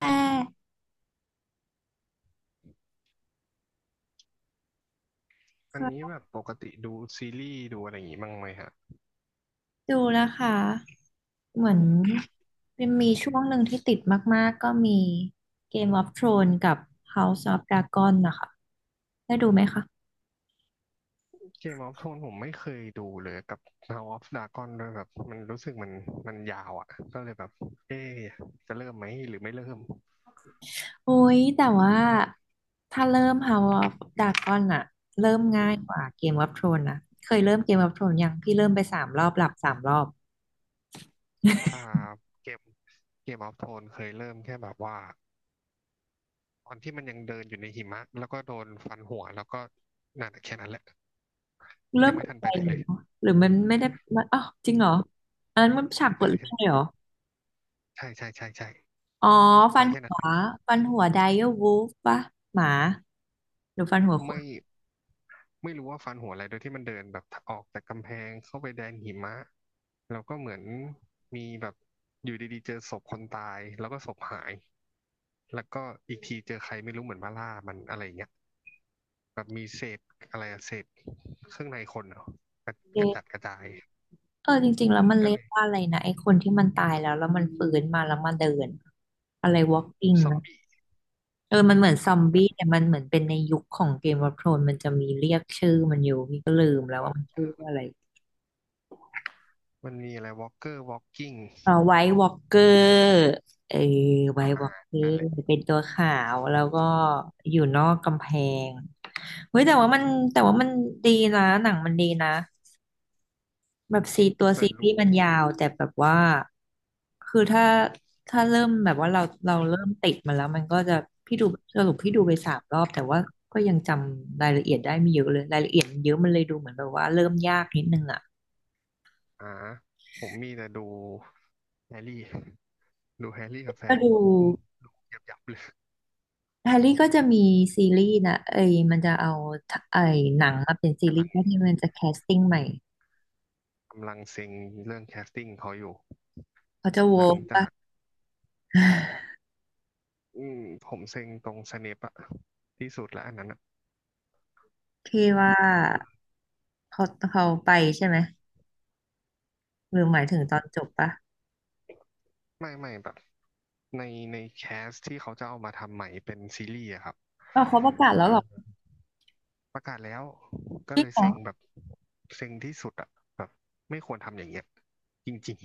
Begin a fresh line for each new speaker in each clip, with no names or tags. แค่
อันนี้แบบปกติดูซีรีส์ดูอะไรอย่างงี้บ้างไหมฮะ
ดูนะคะเหมือนเป็นมีช่วงหนึ่งที่ติดมากๆก็มี Game of Thrones กับ House of Dragon นะคะได้ดูไหมคะ
เกมออฟโทนผมไม่เคยดูเลยกับ House of Dragon ด้วยแบบมันรู้สึกมันยาวอ่ะก็เลยแบบเอ๊ะจะเริ่มไหมหรือไม่เริ่ม
โอ้ยแต่ว่าถ้าเริ่ม House of Dragon อะเริ่มง่ายกว่า Game of Thrones นะเคยเริ่ม Game of Thrones ยังพี่เริ่มไปสามรอบหลับสามรอบ
อ่าเกมเกมออฟโทนเคยเริ่มแค่แบบว่าตอนที่มันยังเดินอยู่ในหิมะแล้วก็โดนฟันหัวแล้วก็นั่นอะแค่นั้นแหละ
เริ่
ยั
ม
งไม่
ตก
ทัน
ใจ
ไปไหน
หรื
เล
อ
ย
หรือมันไม่ได้มันอ้าวจริงเหรออันนั้นมันฉากเปิ
ใช่
ดเรื่องเลยเหรอ
ใช่ใช่ใช่ใช่ใช่
อ๋อฟั
มา
น
แค่
หั
นั้นเล
ว
ย
ไดเออร์วูฟปะหมาหรือฟันหัวค
ไม่
น
ไม่รู้ว่าฟันหัวอะไรโดยที่มันเดินแบบออกจากกำแพงเข้าไปแดนหิมะแล้วก็เหมือนมีแบบอยู่ดีๆเจอศพคนตายแล้วก็ศพหายแล้วก็อีกทีเจอใครไม่รู้เหมือนมาล่ามันอะไรอย่างเงี้ยแบบมีเศษอะไรอะเศษเครื่องในคนเหรอกระกระจัดก
เออ
ระจาย
เออจริงๆแล้วมัน
ก็
เรีย
เล
ก
ย
ว่าอะไรนะไอ้คนที่มันตายแล้วมันฟื้นมาแล้วมาเดินอะไร walking
ซอม
นะ
บี้
เออมันเหมือนซอม
มั
บี้
น
แต่มันเหมือนเป็นในยุคของเกม of Thrones มันจะมีเรียกชื่อมันอยู่พี่ก็ลืมแล้ว
วอ
ว่า
ล์
มัน
ก
ชื่อว่าอะไร
มันมีอะไรวอล์กเกอร์วอล์กกิ้ง
เออไวท์วอล์กเกอร์เออไวท์ว
อ่า
อล์กเกอ
นั่นแห
ร์
ละ
เป็นตัวขาวแล้วก็อยู่นอกกำแพงเฮ้ยแต่ว่ามันแต่ว่ามันดีนะหนังมันดีนะ แบบตัว
แต่
ซีรี
ดู
ส์มันยาวแต่แบบว่าคือถ้าถ้าเริ่มแบบว่าเราเราเริ่มติดมาแล้วมันก็จะพี่ดูสรุปพี่ดูไปสามรอบแต่ว่าก็ยังจำรายละเอียดได้ไม่เยอะเลยรายละเอียดมันเยอะมันเลยดูเหมือนแบบว่าเริ่มยากนิดนึงอ่ะ
อ่าผมมีแต่ดูแฮร์รี่ดูแฮร์รี่กับแฟ
ก็
น
ดู
อืมยับยับเลย
แฮร์รี่ก็จะมีซีรีส์นะเอ้ยมันจะเอาไอ้หนังมาเป็นซีรีส์ที่มันจะแคสติ้งใหม่
กำลังเซ็งเรื่องแคสติ้งเขาอยู่
เขาจะโว
หลัง
ปะ
จาก อืมผมเซ็งตรงสเนปอะที่สุดแล้วอันนั้นอะ
พี่ว่าเขาไปใช่ไหมหรือหมายถึงตอนจบปะ
ไม่แบบในในแคสที่เขาจะเอามาทำใหม่เป็นซีรีส์อะครับ
อ๋อเขาประกาศแล้ว
อ่
เหรอ
าประกาศแล้วก็
จริ
เล
ง
ย
เหรอ
เซ็งแบบเซ็งที่สุดอะแบบไม่ควรทำอย่างเงี้ยจริง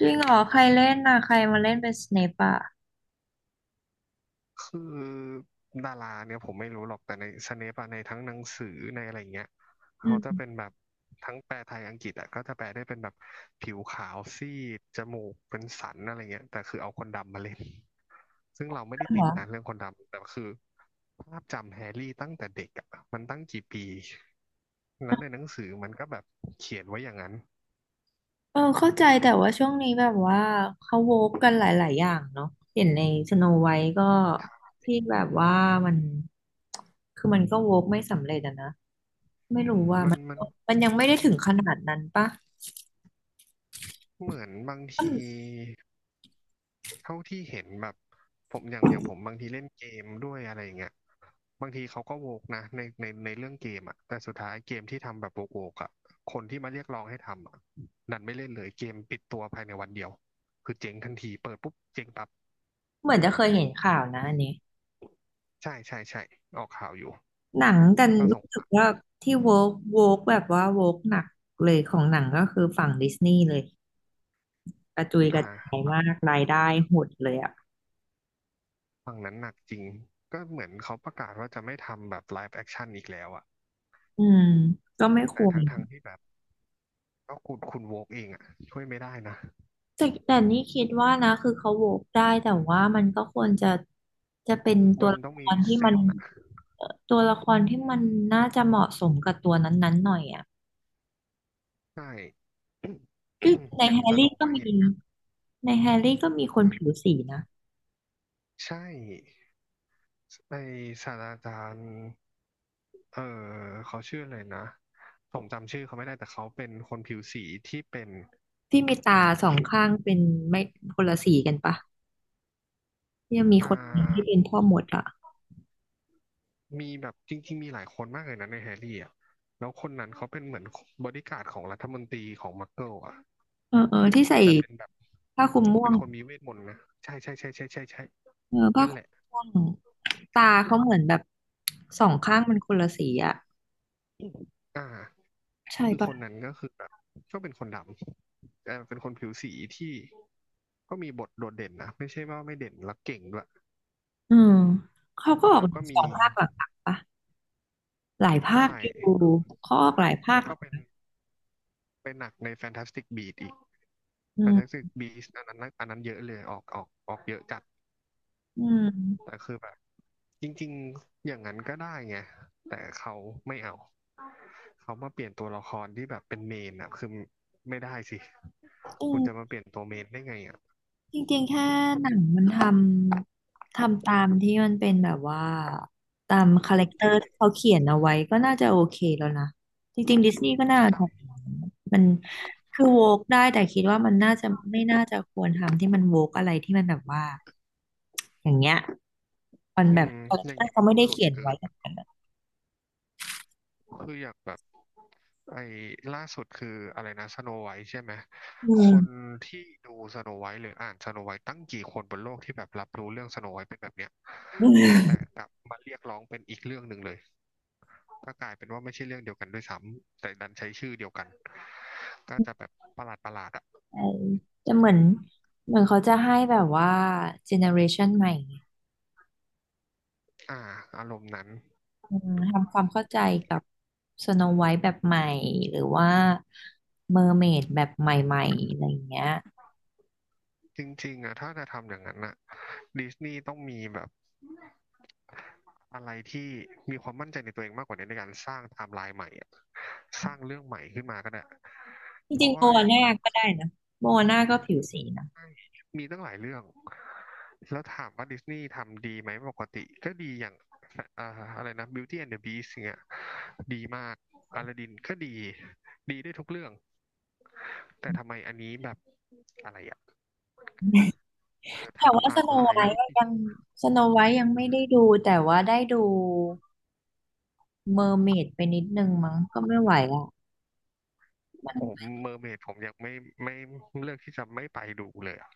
จริงเหรอใครเล่นน่ะใครมาเล่นเป็นสเนปอ่ะ
คือดาราเนี่ยผมไม่รู้หรอกแต่ในสเนปอะในทั้งหนังสือในอะไรเงี้ยเขา
อื
จะเป็
ม
นแบบทั้งแปลไทยอังกฤษอะก็จะแปลได้เป็นแบบผิวขาวซีดจมูกเป็นสันอะไรเงี้ยแต่คือเอาคนดำมาเล่นซึ่งเราไม่ได้
เหร
ติด
อ
นะเรื่องคนดำแต่คือภาพจำแฮร์รี่ตั้งแต่เด็กอะมันตั้งกี่ปีแล้วในหนังสือมันก็แบบเขียนไว้อย่างนั้น
เออเข้าใจแต่ว่าช่วงนี้แบบว่าเขาโวฟกันหลายๆอย่างเนาะเห็นในสโนไวท์ก็ที่แบบว่ามันคือมันก็โวกไม่สำเร็จอะนะไม่รู้ว่า
มัน
มัน
มัน
ยังไม่ได้ถึงขนาดนั้นปะ
เหมือนบาง
อื
ที
ม
เท่าที่เห็นแบบผมอย่างผมบางทีเล่นเกมด้วยอะไรอย่างเงี้ยบางทีเขาก็โวกนะในเรื่องเกมอ่ะแต่สุดท้ายเกมที่ทำแบบโวกอ่ะคนที่มาเรียกร้องให้ทำอ่ะดันไม่เล่นเลยเกมปิดตัวภายในวันเดียวคือเจ๊งทันทีเปิดปุ๊บเจ๊งปั๊บ
เหมือนจะเคยเห็นข่าวนะอันนี้
ใช่ใช่ใช่ออกข่าวอยู่
หนังกัน
ก็ส
รู้
ง
สึ
สา
กว่า
ร
ที่โวกแบบว่าโวกหนักเลยของหนังก็คือฝั่งดิสนีย์เลย กระจุยก
อ่า
ระจาย
ฝั่ง
มากรายได้หดเลยอ่ะ
ฝั่งนั้นหนักจริงก็เหมือนเขาประกาศว่าจะไม่ทำแบบไลฟ์แอคชั่นอีกแล้วอ่ะ
อืมก็ไม่ค
แต่
วร
ทั้งที่แบบก็คุณโวกเองอ่ะช่วยไม่ได้นะ
แต่นี่คิดว่านะคือเขาโหวกได้แต่ว่ามันก็ควรจะจะเป็นตั
มั
ว
น
ละ
ต้อง
ค
มี
รที่มั
เส้
น
น
ตัวละครที่มันน่าจะเหมาะสมกับตัวนั้นๆหน่อยอ่ะ
ใช่
ซึ่งใน
อย่า
แฮ
งส
ร์
โน
รี่ก็
ไว
มี
ท์อย่างเงี้ย
ในแฮร์รี่ก็มีคนผิวสีนะ
ใช่ไอศาสตราจารย์เออเขาชื่ออะไรนะ ผมจำชื่อเขาไม่ได้ แต่เขาเป็นคนผิวสีที่เป็น
ที่มีตาสองข้างเป็นไม่คนละสีกันปะที่ยังมี
อ่
คนหนึ่งที่เป็
า
นพ่อมดอ่ะ
มีแบบจริงๆมีหลายคนมากเลยนะในแฮร์รี่อ่ะแล้วคนนั้นเขาเป็นเหมือนบอดี้การ์ดของรัฐมนตรีของมักเกิลอ่ะ
เออที่ใส่
แต่เป็นแบบ
ผ้าคลุมม่ว
เป็น
ง
คนมีเวทมนต์นะ ใช่ใช่ใช่ใช่ใช่ใช่
เออผ้า
นั่น
คลุ
แห
ม
ละ
ม่วงตาเขาเหมือนแบบสองข้างมันคนละสีอ่ะ
อ่า
ใช่
คือค
ปะ
นนั้นก็คือแบบก็เป็นคนดำแต่เป็นคนผิวสีที่ก็มีบทโดดเด่นนะไม่ใช่ว่าไม่เด่นแล้วเก่งด้วย
อืมเขาก็ออก
แล้วก็
ส
มี
องภาคหลักๆปะหลายภาค
ใช่
อยู่เขาออกหลายภา
แล้
ค
วก็เป็นเป็นหนักในแฟนตาสติกบี s อีก
อื
แฟนตาสติ
ม
กบีสต์อันนั้นอันนั้นเยอะเลยออกเยอะจัด
อืม
แต่คือแบบจริงๆอย่างนั้นก็ได้ไงแต่เขาไม่เอาเขามาเปลี่ยนตัวละครที่แบบเป็นเมนอะคือไม่ได้สิ
อื
คุณจะมา
ม
เปลี่ยนตัวเมนได้ไงอะ
จริงๆแค่หนังมันทำตามที่มันเป็นแบบว่าตามคาแรคเตอ
ที่
ร์
เป็น
ที่เขาเขียนเอาไว้ก็น่าจะโอเคแล้วนะจริงๆดิสนีย์ก็น่าท
ใช่
ำมันคือโวกได้แต่คิดว่ามันน่าจะไม่น่าจะควรทำที่มันโวกอะไรที่มันแบบว่าอย่างเงี้ยมัน
อื
แบบ
ม
คาแร
อ
ค
ย่า
เต
ง
อ
นี้
ร์เขา
มัน
ไม่
ดู
ได้
หลุด
เขียน
เกิ
ไว้แบ
น
บนั้นอะ
คืออย่างแบบไอ้ล่าสุดคืออะไรนะสโนไวท์ใช่ไหม
อื
คน
ม
ที่ดูสโนไวท์หรืออ่านสโนไวท์ตั้งกี่คนบนโลกที่แบบรับรู้เรื่องสโนไวท์เป็นแบบเนี้ยแต่ กลับมาเรียกร้องเป็นอีกเรื่องหนึ่งเลยก็กลายเป็นว่าไม่ใช่เรื่องเดียวกันด้วยซ้ำแต่ดันใช้ชื่อเดียวกันก็จะแบบประหลาดอ่ะ
ใช่แต่เหมือนเขาจะให้แบบว่าเจเนอเรชันใหม่ไง
อ่าอารมณ์นั้น
อืมทำความเข้าใจกับสโนไวท์แบบใหม่หรือว่าเมอร์เมดแบบใหม่ๆอะไรอย่างเงี้ย
จริงๆอ่ะถ้าจะทำอย่างนั้นอ่ะดิสนีย์ต้องมีแบบ อะไรที่มีความมั่นใจในตัวเองมากกว่านี้ในการสร้างไทม์ไลน์ใหม่อะสร้างเรื่องใหม่ขึ้นมาก็ได้
จ
เพ
ริง
ราะ
ๆโม
ว่าอ
อา
ย่าง
น่าก็ได้นะโมอาน่าก็ผิวสีนะ
มีตั้งหลายเรื่องแล้วถามว่าดิสนีย์ทำดีไหมปกติก็ดีอย่างอ่าอะไรนะ Beauty and the Beast งเงี้ยดีมากอลาดินก็ดีดีได้ทุกเรื่องแต่ทำไมอันนี้แบบอะไรอะเออ
แต่ว่า
ทำ
ส
อะ
โน
ไร
ไวท์ยังไม่ได้ดูแต่ว่าได้ดูเมอร์เมดไปนิดนึงมั้งก็ไม่ไหวอ่ะมัน
โอ้
รู้
เมอร์เมดผมยังไม่ไม่เลือกที่จะไม่ไปดูเลยอะ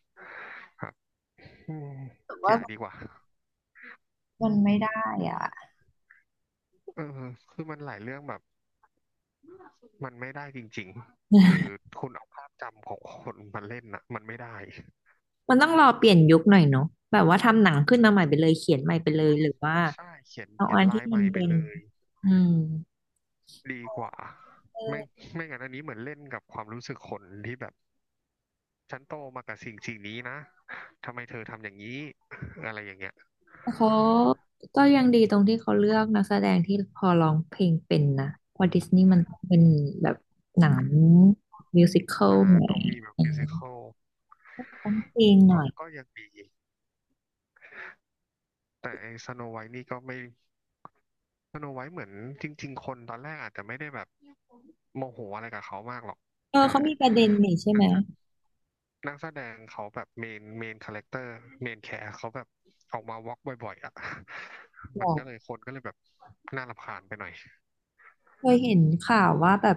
อืม
สึก
อ
ว่า
ย่าดีกว่า
มันไม่ได้อ่ะ
เออคือมันหลายเรื่องแบบมันไม่ได้จริงๆ คือคุณเอาภาพจำของคนมาเล่นน่ะมันไม่ได้
มันต้องรอเปลี่ยนยุคหน่อยเนาะแบบว่าทำหนังขึ้นมาใหม่ไปเลยเขียนใหม่ไปเลยหรือว่า
ใช่เขียน
เอา
เขีย
อั
น
น
ลา
ที่
ยให
มัน
ม่ไป
เป็น
เลย
อืม
ดีกว่า
เออ
ไม่ไม่งั้นอันนี้เหมือนเล่นกับความรู้สึกคนที่แบบฉันโตมากับสิ่งนี้นะ ทำไมเธอทำอย่างนี้อะไรอย่างเงี้ย
เขาก็ยังดีตรงที่เขาเลือกนักแสดงที่พอร้องเพลงเป็นนะเพอดิสนีย์มันเป็นแบบหนังมิวสิคล
อ่า
หน่อย
ต้องมีแบบ
เออ
มิวสิคล
ต้องเพลงหน่
ก็
อย
ก็ยังดี แต่ไอ้สโนไวท์นี่ก็ไม่ สโนไวท์เหมือนจริงๆคนตอนแรกอาจจะไม่ได้แบบโมโหอะไรกับเขามากหรอก
เออ
แต่
เขามีประเด็นนี่ใช่ไห
นั
ม
กแสนักแสดงเขาแบบเมนคาแรคเตอร์เมนแคร์เขาแบบออกมาวอล์กบ่อยๆอ่ะ
บ
มั
อ
น
ก
ก็เลยคนก็เลยแบบน่ารำคาญไปหน่อย
เคยเห็นข่าวว่าแบบ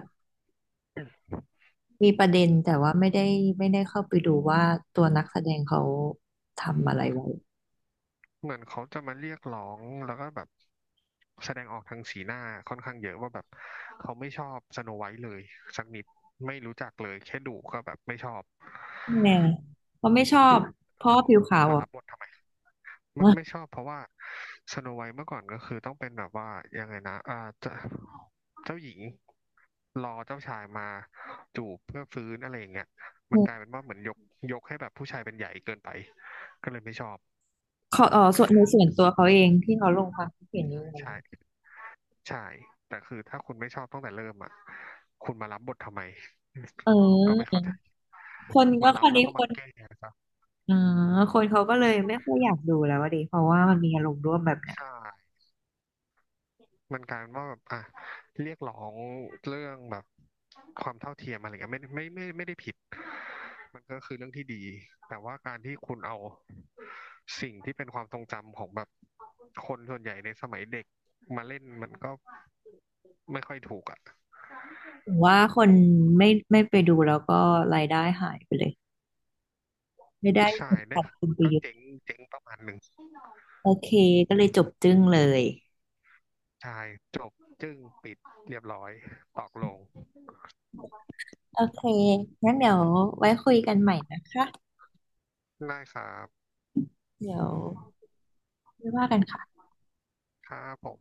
มีประเด็นแต่ว่าไม่ได้เข้าไปดูว่าตัวนักแสดงเขาทำอะไรไว้
เหมือนเขาจะมาเรียกร้องแล้วก็แบบแสดงออกทางสีหน้าค่อนข้างเยอะว่าแบบเขาไม่ชอบสโนไวท์เลยสักนิดไม่รู้จักเลยแค่ดูก็แบบไม่ชอบ
แน่เขาไม่ชอบเพราะว่อผิวขาว
มา
อ่ะ
รับบททำไมไม่ชอบเพราะว่าสโนไวท์เมื่อก่อนก็คือต้องเป็นแบบว่ายังไงนะเจ้าเจ้าหญิงรอเจ้าชายมาจูบเพื่อฟื้นอะไรอย่างเงี้ยมันกลายเป็น ว่าเหมือนยกให้แบบผู้ชายเป็นใหญ่เกินไปก็เลยไม่ชอบ
เขาเออส่วนในส่วนตัวเขาเองที่เขาลงความคิดเห็นนี้ไว้
ใช่ใช่แต่คือถ้าคุณไม่ชอบตั้งแต่เริ่มอ่ะคุณมารับบททำไม
เอ
ก็ไม่เข้า
อ
ใจ
คนก็
มา
ค
รับ
ราว
แล้ว
นี้
ก็
ค
มา
น
แก้ซะ
อ๋อคนเขาก็เลยไม่ค่อยอยากดูแล้วอะดิเพราะว่ามันมีอารมณ์ร่วมแบบเนี้ย
ใช่ มันกลารเว่าแบบอ่ะเรียกร้องเรื่องแบบความเท่าเทียมอะไรเงี้ยไม่ได้ผิดมันก็คือเรื่องที่ดีแต่ว่าการที่คุณเอาสิ่งที่เป็นความทรงจำของแบบคนส่วนใหญ่ในสมัยเด็กมาเล่นมันก็ไม่ค่อยถูกอ่ะ
ผมว่าคนไม่ไปดูแล้วก็รายได้หายไปเลยไม่ได้
ใช่ได้
สับคุณไปร
ก็
ยช
เจ๋ง
น
เจ๋งประมาณหนึ่ง
โอเคก็เลยจบจึ้งเลย
ใช่จบจึ้งปิดเรียบร้อยตอกลง
โอเคงั้นเดี๋ยวไว้คุยกันใหม่นะคะ
ได้ครับ
เดี๋ยวไม่ว่ากันค่ะ
ครับผม